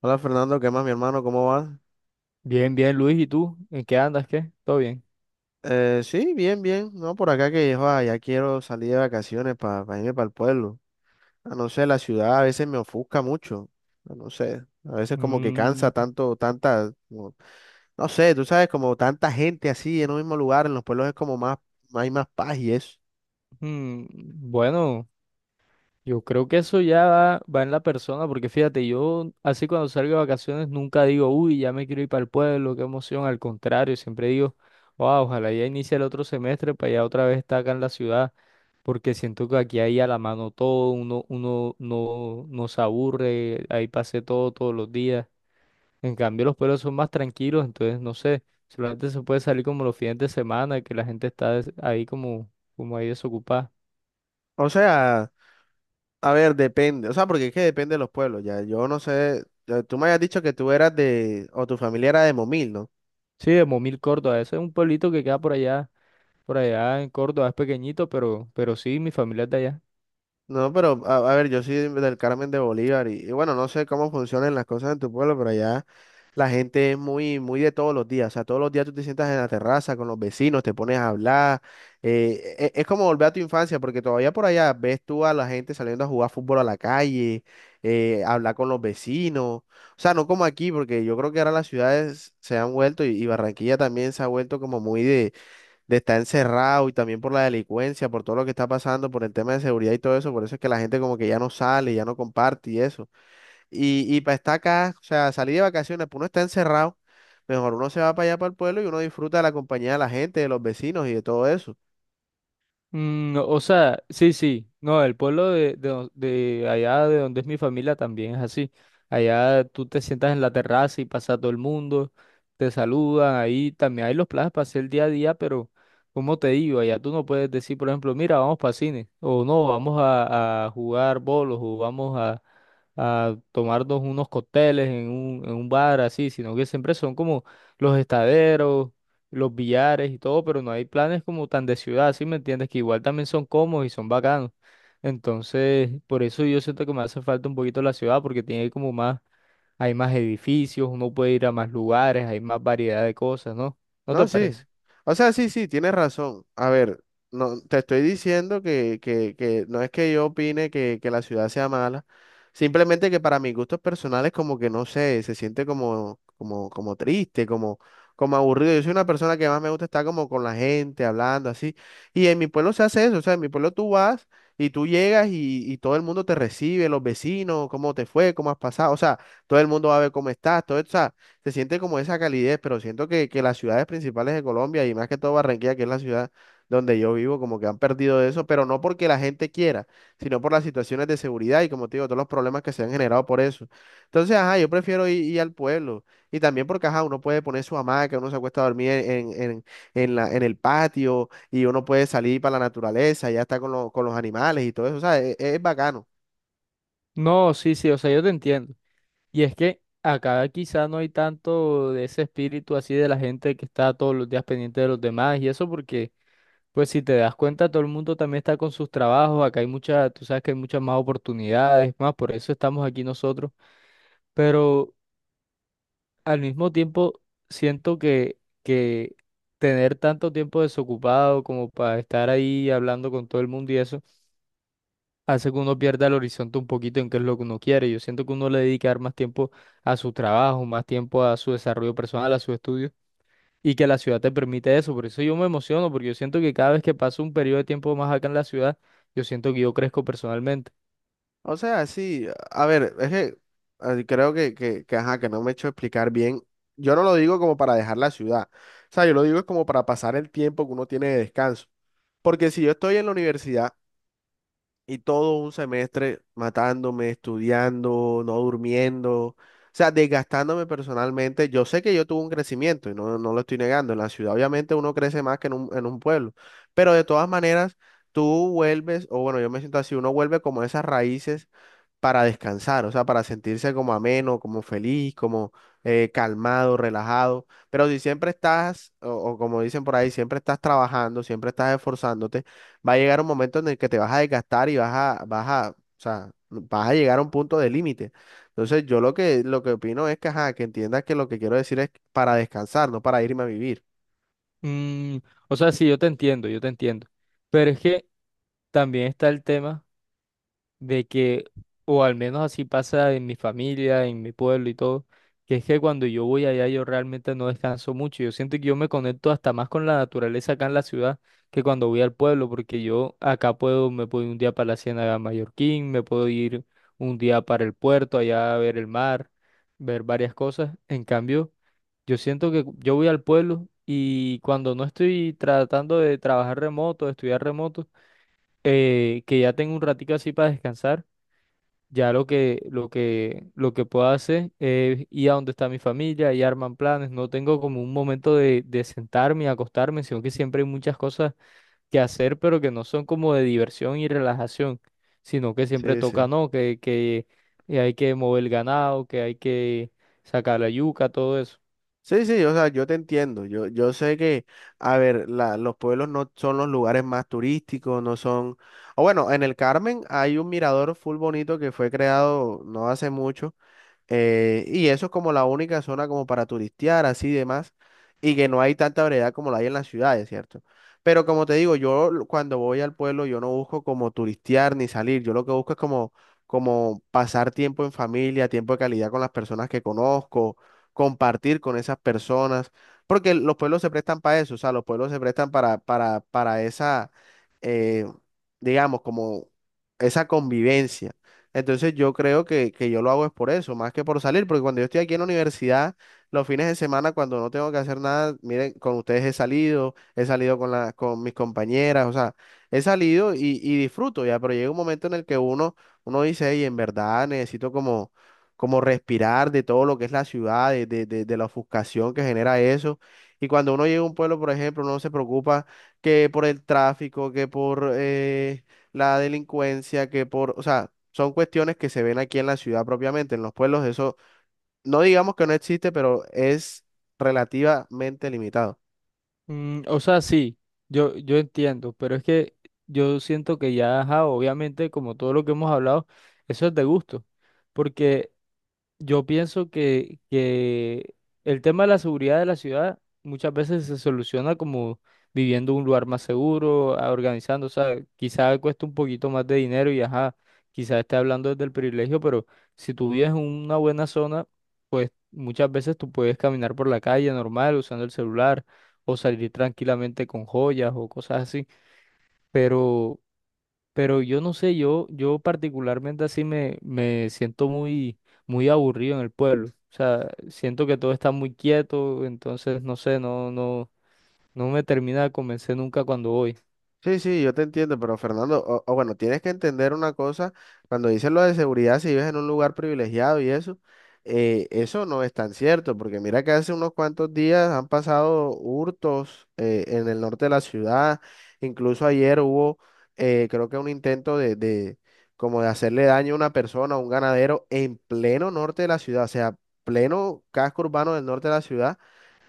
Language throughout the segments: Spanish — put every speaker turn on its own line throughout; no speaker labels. Hola Fernando, ¿qué más, mi hermano? ¿Cómo vas?
Bien, bien, Luis, ¿y tú? ¿En qué andas? ¿Qué? ¿Todo bien?
Sí, bien. No, por acá que joa, ya quiero salir de vacaciones para irme para el pueblo. No sé, la ciudad a veces me ofusca mucho. No sé, a veces como que cansa
Mm.
tanto, no sé, tú sabes, como tanta gente así en un mismo lugar, en los pueblos es como más, hay más paz y eso.
Mm. Bueno, yo creo que eso ya va en la persona, porque fíjate, yo así cuando salgo de vacaciones nunca digo: uy, ya me quiero ir para el pueblo, qué emoción. Al contrario, siempre digo: wow, ojalá ya inicie el otro semestre para ya otra vez estar acá en la ciudad, porque siento que aquí hay a la mano todo. Uno no se aburre, ahí pasé todos los días. En cambio, los pueblos son más tranquilos, entonces no sé, solamente se puede salir como los fines de semana, que la gente está ahí como, ahí desocupada.
O sea, a ver, depende, o sea, porque es que depende de los pueblos, ya. Yo no sé, ya, tú me habías dicho que tú eras de, o tu familia era de Momil, ¿no?
Sí, de Momil, Córdoba, ese es un pueblito que queda por allá en Córdoba, es pequeñito, pero sí, mi familia es de allá.
No, pero a ver, yo soy del Carmen de Bolívar y bueno, no sé cómo funcionan las cosas en tu pueblo, pero allá la gente es muy, muy de todos los días. O sea, todos los días tú te sientas en la terraza con los vecinos, te pones a hablar. Es como volver a tu infancia, porque todavía por allá ves tú a la gente saliendo a jugar fútbol a la calle, hablar con los vecinos. O sea, no como aquí, porque yo creo que ahora las ciudades se han vuelto y Barranquilla también se ha vuelto como muy de estar encerrado y también por la delincuencia, por todo lo que está pasando, por el tema de seguridad y todo eso, por eso es que la gente como que ya no sale, ya no comparte y eso. Y para estar acá, o sea, salir de vacaciones, pues uno está encerrado, mejor uno se va para allá para el pueblo y uno disfruta de la compañía de la gente, de los vecinos y de todo eso.
Mm, o sea, sí, sí, no, el pueblo de allá de donde es mi familia también es así. Allá tú te sientas en la terraza y pasa todo el mundo, te saludan, ahí también hay los planes para hacer día a día, pero como te digo, allá tú no puedes decir, por ejemplo: mira, vamos para cine, o no, vamos a jugar bolos, o vamos a tomarnos unos cócteles en un bar así, sino que siempre son como los estaderos, los billares y todo, pero no hay planes como tan de ciudad. ¿Sí me entiendes? Que igual también son cómodos y son bacanos. Entonces, por eso yo siento que me hace falta un poquito la ciudad, porque tiene como más, hay más edificios, uno puede ir a más lugares, hay más variedad de cosas, ¿no? ¿No te
No, sí.
parece?
O sea, sí, sí, tienes razón. A ver, no, te estoy diciendo que no es que yo opine que la ciudad sea mala, simplemente que para mis gustos personales como que no sé, se siente como triste, como, como aburrido. Yo soy una persona que más me gusta estar como con la gente, hablando así. Y en mi pueblo se hace eso, o sea, en mi pueblo tú vas y tú llegas y todo el mundo te recibe, los vecinos, cómo te fue, cómo has pasado, o sea, todo el mundo va a ver cómo estás, todo eso se siente como esa calidez, pero siento que las ciudades principales de Colombia y más que todo Barranquilla, que es la ciudad donde yo vivo, como que han perdido eso, pero no porque la gente quiera, sino por las situaciones de seguridad y como te digo, todos los problemas que se han generado por eso. Entonces, ajá, yo prefiero ir al pueblo y también porque, ajá, uno puede poner su hamaca, uno se acuesta a dormir en la, en el patio y uno puede salir para la naturaleza, ya está con, con los animales y todo eso, o sea, es bacano.
No, sí, sí, o sea, yo te entiendo. Y es que acá quizá no hay tanto de ese espíritu así de la gente que está todos los días pendiente de los demás y eso, porque, pues si te das cuenta, todo el mundo también está con sus trabajos. Acá hay muchas, tú sabes que hay muchas más oportunidades, más, por eso estamos aquí nosotros, pero al mismo tiempo siento que tener tanto tiempo desocupado como para estar ahí hablando con todo el mundo y eso, hace que uno pierda el horizonte un poquito en qué es lo que uno quiere. Yo siento que uno le dedicar más tiempo a su trabajo, más tiempo a su desarrollo personal, a sus estudios, y que la ciudad te permite eso. Por eso yo me emociono, porque yo siento que cada vez que paso un periodo de tiempo más acá en la ciudad, yo siento que yo crezco personalmente.
O sea, sí, a ver, es que creo ajá, que no me he hecho explicar bien. Yo no lo digo como para dejar la ciudad. O sea, yo lo digo es como para pasar el tiempo que uno tiene de descanso. Porque si yo estoy en la universidad y todo un semestre matándome, estudiando, no durmiendo, o sea, desgastándome personalmente, yo sé que yo tuve un crecimiento y no, no lo estoy negando. En la ciudad obviamente uno crece más que en en un pueblo. Pero de todas maneras, tú vuelves, o bueno, yo me siento así, uno vuelve como a esas raíces para descansar, o sea, para sentirse como ameno, como feliz, como calmado, relajado. Pero si siempre estás, o como dicen por ahí, siempre estás trabajando, siempre estás esforzándote, va a llegar un momento en el que te vas a desgastar y o sea, vas a llegar a un punto de límite. Entonces, yo lo que opino es que, ajá, que entiendas que lo que quiero decir es para descansar, no para irme a vivir.
Mm, o sea, sí, yo te entiendo, yo te entiendo. Pero es que también está el tema de que, o al menos así pasa en mi familia, en mi pueblo y todo, que es que cuando yo voy allá yo realmente no descanso mucho. Yo siento que yo me conecto hasta más con la naturaleza acá en la ciudad que cuando voy al pueblo, porque yo acá puedo, me puedo ir un día para la Ciénaga Mallorquín, me puedo ir un día para el puerto, allá a ver el mar, ver varias cosas. En cambio, yo siento que yo voy al pueblo y cuando no estoy tratando de trabajar remoto, de estudiar remoto, que ya tengo un ratico así para descansar, ya lo que puedo hacer es ir a donde está mi familia y arman planes. No tengo como un momento de sentarme y acostarme, sino que siempre hay muchas cosas que hacer, pero que no son como de diversión y relajación, sino que siempre
Sí,
toca,
sí.
¿no? Que hay que mover el ganado, que hay que sacar la yuca, todo eso.
Sí, sí, o sea, yo te entiendo. Yo sé a ver, los pueblos no son los lugares más turísticos, no son. O bueno, en el Carmen hay un mirador full bonito que fue creado no hace mucho. Y eso es como la única zona como para turistear, así y demás, y que no hay tanta variedad como la hay en las ciudades, ¿cierto? Pero como te digo, cuando voy al pueblo, yo no busco como turistear ni salir, yo lo que busco es como pasar tiempo en familia, tiempo de calidad con las personas que conozco, compartir con esas personas, porque los pueblos se prestan para eso, o sea, los pueblos se prestan para esa, eh, digamos, como esa convivencia. Entonces yo creo que yo lo hago es por eso, más que por salir, porque cuando yo estoy aquí en la universidad, los fines de semana, cuando no tengo que hacer nada, miren, con ustedes he salido con con mis compañeras, o sea, he salido y disfruto ya, pero llega un momento en el que uno dice, y en verdad necesito como, como respirar de todo lo que es la ciudad, de la ofuscación que genera eso. Y cuando uno llega a un pueblo, por ejemplo, uno se preocupa que por el tráfico, que por... la delincuencia, que por, o sea, son cuestiones que se ven aquí en la ciudad propiamente, en los pueblos, eso no digamos que no existe, pero es relativamente limitado.
Mm, o sea, sí, yo entiendo, pero es que yo siento que ya, ajá, obviamente, como todo lo que hemos hablado, eso es de gusto. Porque yo pienso que el tema de la seguridad de la ciudad muchas veces se soluciona como viviendo en un lugar más seguro, organizando, o sea, quizá cuesta un poquito más de dinero y ajá, quizá esté hablando desde el privilegio, pero si tú vives en una buena zona, pues muchas veces tú puedes caminar por la calle normal usando el celular o salir tranquilamente con joyas o cosas así, pero yo no sé, yo particularmente así me siento muy, muy aburrido en el pueblo. O sea, siento que todo está muy quieto, entonces no sé, no, no me termina de convencer nunca cuando voy.
Sí, sí, yo te entiendo, pero Fernando, o bueno, tienes que entender una cosa, cuando dicen lo de seguridad, si vives en un lugar privilegiado y eso, eso no es tan cierto, porque mira que hace unos cuantos días han pasado hurtos en el norte de la ciudad, incluso ayer hubo, creo que un intento de como de hacerle daño a una persona, a un ganadero, en pleno norte de la ciudad, o sea, pleno casco urbano del norte de la ciudad.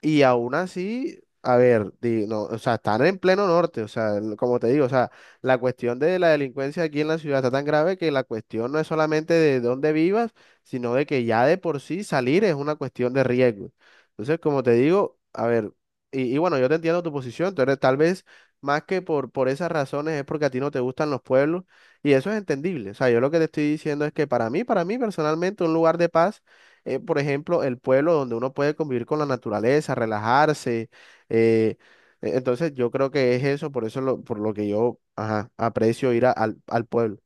Y aún así, a ver, no, o sea, están en pleno norte, o sea, como te digo, o sea, la cuestión de la delincuencia aquí en la ciudad está tan grave que la cuestión no es solamente de dónde vivas, sino de que ya de por sí salir es una cuestión de riesgo. Entonces, como te digo, a ver, y bueno, yo te entiendo tu posición, tú eres tal vez más que por esas razones es porque a ti no te gustan los pueblos, y eso es entendible. O sea, yo lo que te estoy diciendo es que para mí personalmente, un lugar de paz por ejemplo, el pueblo donde uno puede convivir con la naturaleza, relajarse. eh, entonces, yo creo que es eso, por eso por lo que yo ajá, aprecio al pueblo.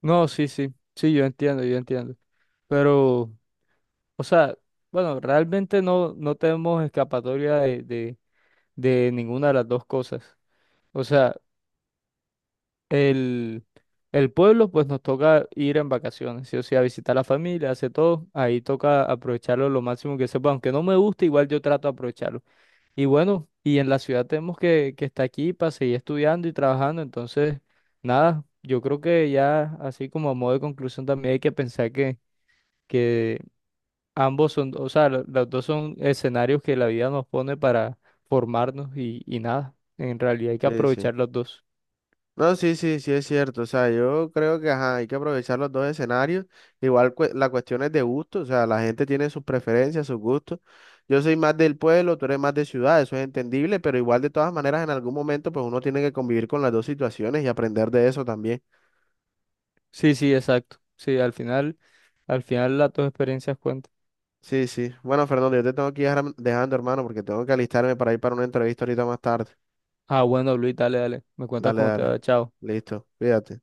No, sí, sí, sí, yo entiendo, yo entiendo. Pero, o sea, bueno, realmente no tenemos escapatoria de, de ninguna de las dos cosas. O sea, el, el pueblo, pues nos toca ir en vacaciones, sí o sí, a visitar a la familia, hace todo. Ahí toca aprovecharlo lo máximo que se pueda. Aunque no me guste, igual yo trato de aprovecharlo. Y bueno, y en la ciudad tenemos que estar aquí para seguir estudiando y trabajando. Entonces, nada, yo creo que ya, así como a modo de conclusión, también hay que pensar que ambos son, o sea, los dos son escenarios que la vida nos pone para formarnos, y nada. En realidad hay que
Sí, sí.
aprovechar los dos.
No, sí, sí, sí es cierto. O sea, yo creo que ajá, hay que aprovechar los dos escenarios. Igual la cuestión es de gusto, o sea, la gente tiene sus preferencias, sus gustos. Yo soy más del pueblo, tú eres más de ciudad, eso es entendible, pero igual de todas maneras en algún momento pues uno tiene que convivir con las dos situaciones y aprender de eso también.
Sí, sí, exacto. Sí, al final. Al final las dos experiencias cuentan.
Sí, sí. Bueno, Fernando, yo te tengo que ir ahora dejando, hermano, porque tengo que alistarme para ir para una entrevista ahorita más tarde.
Ah, bueno, Luis, dale, dale. Me cuentas
Dale,
cómo te
dale.
va. Chao.
Listo. Cuídate.